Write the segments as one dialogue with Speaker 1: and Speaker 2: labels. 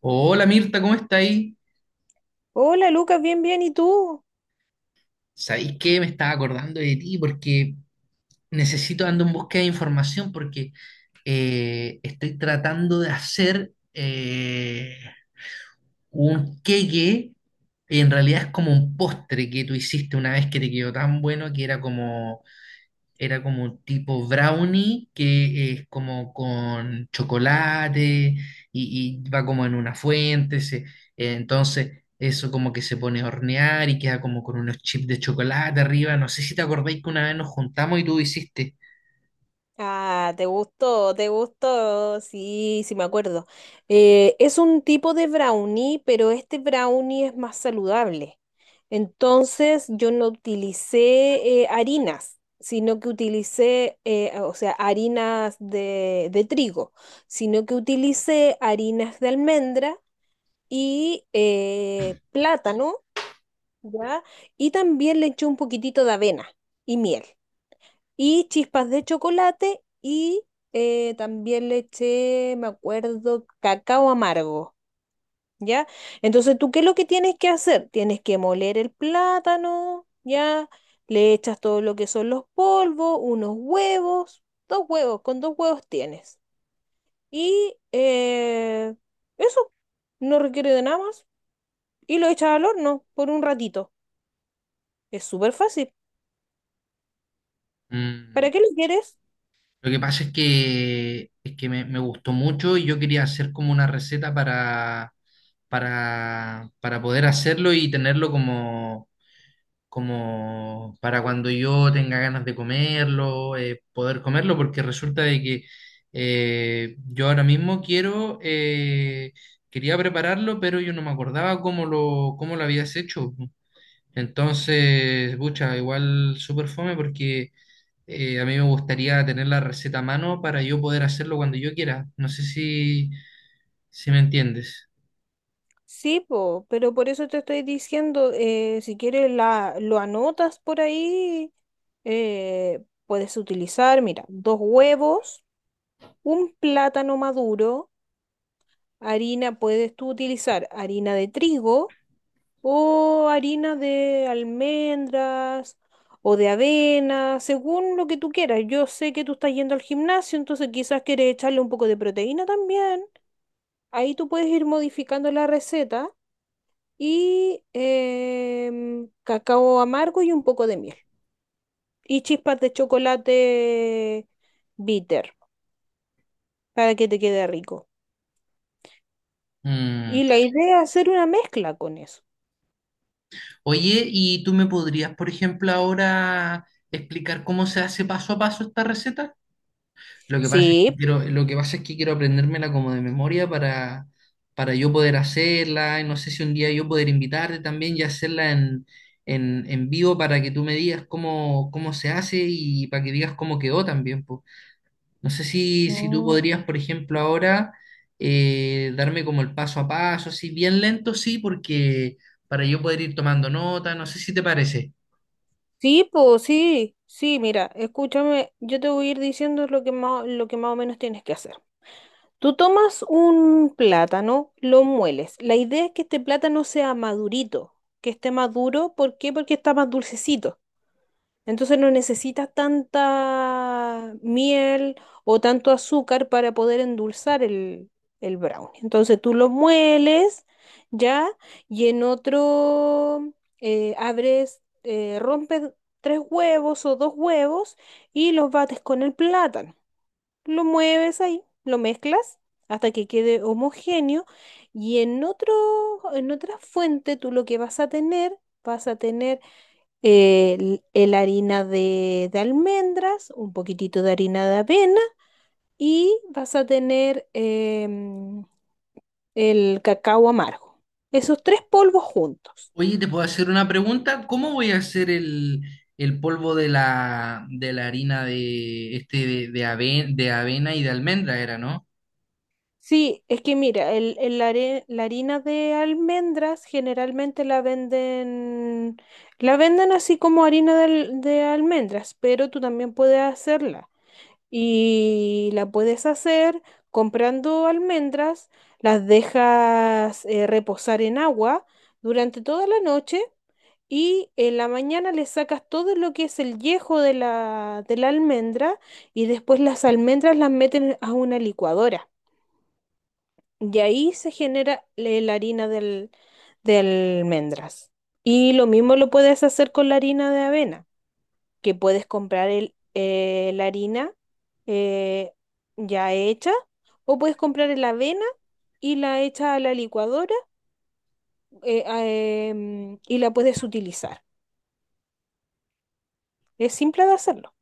Speaker 1: Hola Mirta, ¿cómo está ahí?
Speaker 2: Hola Lucas, bien, bien, ¿y tú?
Speaker 1: ¿Sabéis qué? Me estaba acordando de ti porque necesito, ando en búsqueda de información porque estoy tratando de hacer un queque, en realidad es como un postre que tú hiciste una vez que te quedó tan bueno que era como. Era como un tipo brownie que es como con chocolate y va como en una fuente. Entonces eso como que se pone a hornear y queda como con unos chips de chocolate arriba. No sé si te acordáis que una vez nos juntamos y tú hiciste.
Speaker 2: Ah, te gustó, te gustó. Sí, sí me acuerdo. Es un tipo de brownie, pero este brownie es más saludable. Entonces yo no utilicé harinas, sino que utilicé, o sea, harinas de trigo, sino que utilicé harinas de almendra y plátano, ¿ya? Y también le eché un poquitito de avena y miel. Y chispas de chocolate y también le eché, me acuerdo, cacao amargo, ¿ya? Entonces, ¿tú qué es lo que tienes que hacer? Tienes que moler el plátano, ¿ya? Le echas todo lo que son los polvos, unos huevos, dos huevos, con dos huevos tienes. Y eso no requiere de nada más. Y lo echas al horno por un ratito. Es súper fácil.
Speaker 1: Mm.
Speaker 2: ¿Para qué lo quieres?
Speaker 1: Lo que pasa es que me gustó mucho y yo quería hacer como una receta para poder hacerlo y tenerlo como como para cuando yo tenga ganas de comerlo, poder comerlo, porque resulta de que yo ahora mismo quiero, quería prepararlo, pero yo no me acordaba cómo lo habías hecho. Entonces, pucha, igual súper fome porque a mí me gustaría tener la receta a mano para yo poder hacerlo cuando yo quiera. No sé si, si me entiendes.
Speaker 2: Sí, po, pero por eso te estoy diciendo, si quieres la, lo anotas por ahí, puedes utilizar, mira, dos huevos, un plátano maduro, harina, puedes tú utilizar harina de trigo o harina de almendras o de avena, según lo que tú quieras. Yo sé que tú estás yendo al gimnasio, entonces quizás quieres echarle un poco de proteína también. Ahí tú puedes ir modificando la receta. Y cacao amargo y un poco de miel. Y chispas de chocolate bitter para que te quede rico.
Speaker 1: Mm.
Speaker 2: Y la idea es hacer una mezcla con eso.
Speaker 1: Oye, ¿y tú me podrías, por ejemplo, ahora explicar cómo se hace paso a paso esta receta?
Speaker 2: Sí.
Speaker 1: Lo que pasa es que quiero aprendérmela como de memoria para yo poder hacerla, y no sé si un día yo poder invitarte también y hacerla en vivo para que tú me digas cómo, cómo se hace y para que digas cómo quedó también, pues. No sé si, si tú
Speaker 2: Mm.
Speaker 1: podrías, por ejemplo, ahora darme como el paso a paso, así bien lento, sí, porque para yo poder ir tomando nota, no sé si te parece.
Speaker 2: Sí, pues sí, mira, escúchame, yo te voy a ir diciendo lo que más o menos tienes que hacer. Tú tomas un plátano, lo mueles. La idea es que este plátano sea madurito, que esté maduro. ¿Por qué? Porque está más dulcecito. Entonces no necesitas tanta miel o tanto azúcar para poder endulzar el brownie. Entonces tú lo mueles ya y en otro rompes tres huevos o dos huevos y los bates con el plátano. Lo mueves ahí, lo mezclas hasta que quede homogéneo y en otra fuente tú lo que vas a tener el harina de almendras, un poquitito de harina de avena y vas a tener el cacao amargo. Esos tres polvos juntos.
Speaker 1: Oye, ¿te puedo hacer una pregunta? ¿Cómo voy a hacer el polvo de la harina de, este, de, de avena y de almendra era, ¿no?
Speaker 2: Sí, es que mira, la harina de almendras generalmente la venden así como harina de almendras, pero tú también puedes hacerla. Y la puedes hacer comprando almendras, las dejas reposar en agua durante toda la noche y en la mañana le sacas todo lo que es el yejo de de la almendra y después las almendras las meten a una licuadora y ahí se genera la harina del, de almendras. Y lo mismo lo puedes hacer con la harina de avena que puedes comprar la harina eh, ya hecha o puedes comprar la avena y la hecha a la licuadora y la puedes utilizar. Es simple de hacerlo.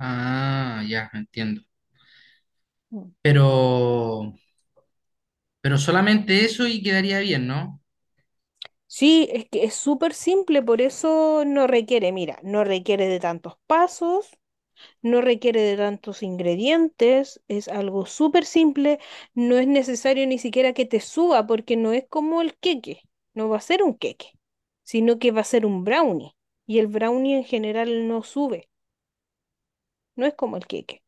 Speaker 1: Ah, ya, entiendo.
Speaker 2: Mm.
Speaker 1: Pero, pero solamente eso y quedaría bien, ¿no?
Speaker 2: Sí, es que es súper simple, por eso no requiere, mira, no requiere de tantos pasos, no requiere de tantos ingredientes, es algo súper simple, no es necesario ni siquiera que te suba porque no es como el queque, no va a ser un queque, sino que va a ser un brownie y el brownie en general no sube, no es como el queque,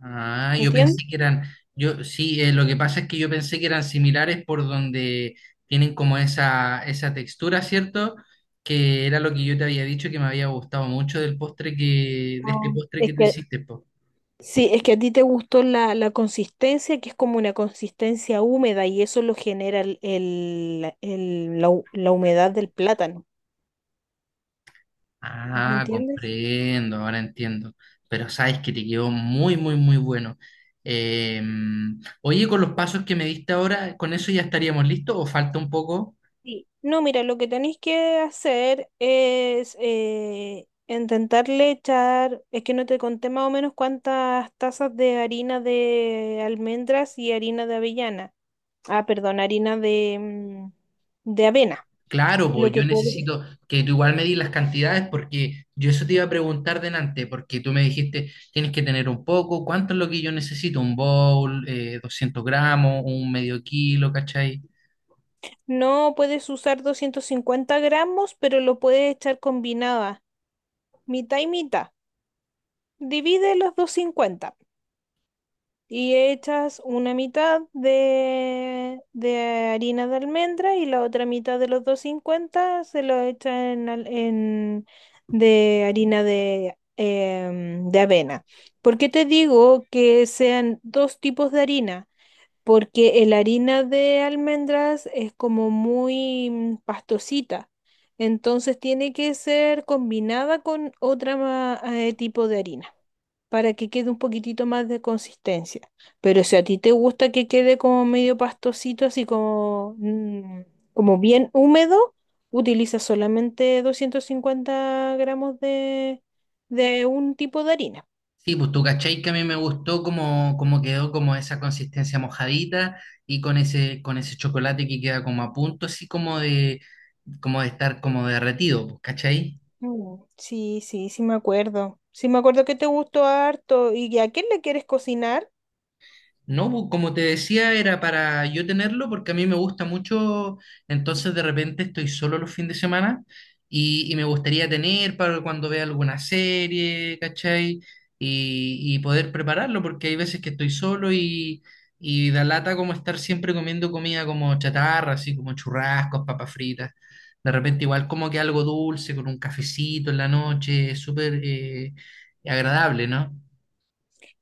Speaker 1: Ah, yo
Speaker 2: ¿entiendes?
Speaker 1: pensé que eran, yo sí, lo que pasa es que yo pensé que eran similares por donde tienen como esa textura, ¿cierto? Que era lo que yo te había dicho que me había gustado mucho del postre de este
Speaker 2: No.
Speaker 1: postre que
Speaker 2: Es
Speaker 1: tú
Speaker 2: que
Speaker 1: hiciste, po.
Speaker 2: sí, es que a ti te gustó la consistencia, que es como una consistencia húmeda y eso lo genera la humedad del plátano, ¿me
Speaker 1: Ah,
Speaker 2: entiendes?
Speaker 1: comprendo, ahora entiendo. Pero sabes que te quedó muy, muy, muy bueno. Eh, oye, con los pasos que me diste ahora, ¿con eso ya estaríamos listos o falta un poco?
Speaker 2: Sí. No, mira, lo que tenéis que hacer es intentarle echar, es que no te conté más o menos cuántas tazas de harina de almendras y harina de avellana. Ah, perdón, harina de, de avena.
Speaker 1: Claro,
Speaker 2: Lo
Speaker 1: pues yo
Speaker 2: que puedes.
Speaker 1: necesito que tú igual me di las cantidades porque yo eso te iba a preguntar delante, porque tú me dijiste, tienes que tener un poco, ¿cuánto es lo que yo necesito? Un bowl, 200 gramos, un medio kilo, ¿cachai?
Speaker 2: No puedes usar 250 gramos, pero lo puedes echar combinada, mitad y mitad. Divide los 250. Y echas una mitad de harina de almendra y la otra mitad de los 250 se lo echas de harina de avena. ¿Por qué te digo que sean dos tipos de harina? Porque la harina de almendras es como muy pastosita. Entonces tiene que ser combinada con otra tipo de harina para que quede un poquitito más de consistencia. Pero si a ti te gusta que quede como medio pastosito, así como, como bien húmedo, utiliza solamente 250 gramos de un tipo de harina.
Speaker 1: Sí, pues tú cachai que a mí me gustó como, como quedó como esa consistencia mojadita y con ese chocolate que queda como a punto, así como de estar como derretido, pues, ¿cachai?
Speaker 2: Mm, sí, sí, sí me acuerdo. Sí me acuerdo que te gustó harto. ¿Y a quién le quieres cocinar?
Speaker 1: No, como te decía, era para yo tenerlo porque a mí me gusta mucho, entonces de repente estoy solo los fines de semana y me gustaría tener para cuando vea alguna serie, ¿cachai? Y poder prepararlo porque hay veces que estoy solo y da lata como estar siempre comiendo comida como chatarra, así como churrascos, papas fritas. De repente igual como que algo dulce con un cafecito en la noche, es súper agradable, ¿no?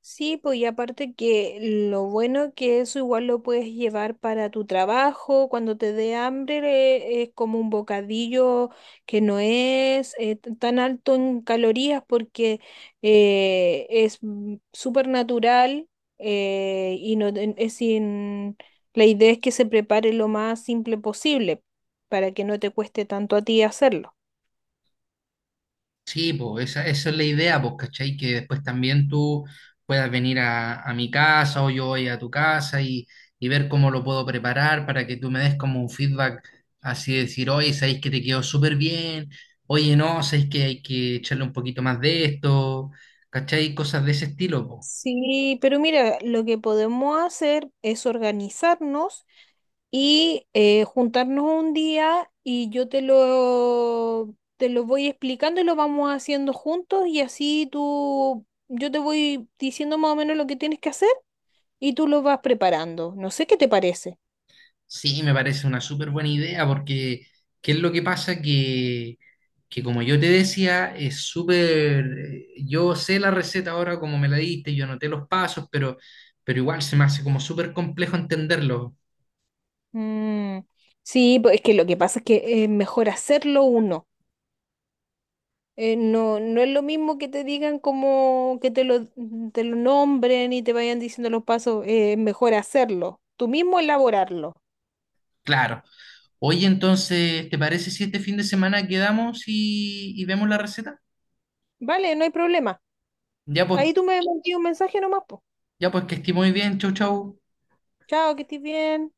Speaker 2: Sí, pues y aparte que lo bueno que eso igual lo puedes llevar para tu trabajo, cuando te dé hambre, es como un bocadillo que no es tan alto en calorías porque súper natural y es sin, la idea es que se prepare lo más simple posible para que no te cueste tanto a ti hacerlo.
Speaker 1: Sí, pues esa es la idea, pues, ¿cachai? Que después también tú puedas venir a mi casa o yo voy a tu casa y ver cómo lo puedo preparar para que tú me des como un feedback, así de decir, oye, sabéis que te quedó súper bien, oye, no, sabéis que hay que echarle un poquito más de esto, ¿cachai? Cosas de ese estilo, pues.
Speaker 2: Sí, pero mira, lo que podemos hacer es organizarnos y juntarnos un día y yo te lo voy explicando y lo vamos haciendo juntos y así tú, yo te voy diciendo más o menos lo que tienes que hacer y tú lo vas preparando. No sé qué te parece.
Speaker 1: Sí, me parece una súper buena idea porque ¿qué es lo que pasa? Que como yo te decía, es súper... Yo sé la receta ahora como me la diste, yo anoté los pasos, pero igual se me hace como súper complejo entenderlo.
Speaker 2: Mm, sí, pues es que lo que pasa es que es mejor hacerlo uno. No es lo mismo que te digan como que te lo nombren y te vayan diciendo los pasos, es mejor hacerlo, tú mismo elaborarlo.
Speaker 1: Claro. Oye, entonces, ¿te parece si este fin de semana quedamos y vemos la receta?
Speaker 2: Vale, no hay problema.
Speaker 1: Ya pues,
Speaker 2: Ahí tú me envías un mensaje nomás, po.
Speaker 1: ya pues que esté muy bien. Chau, chau.
Speaker 2: Chao, que estés bien.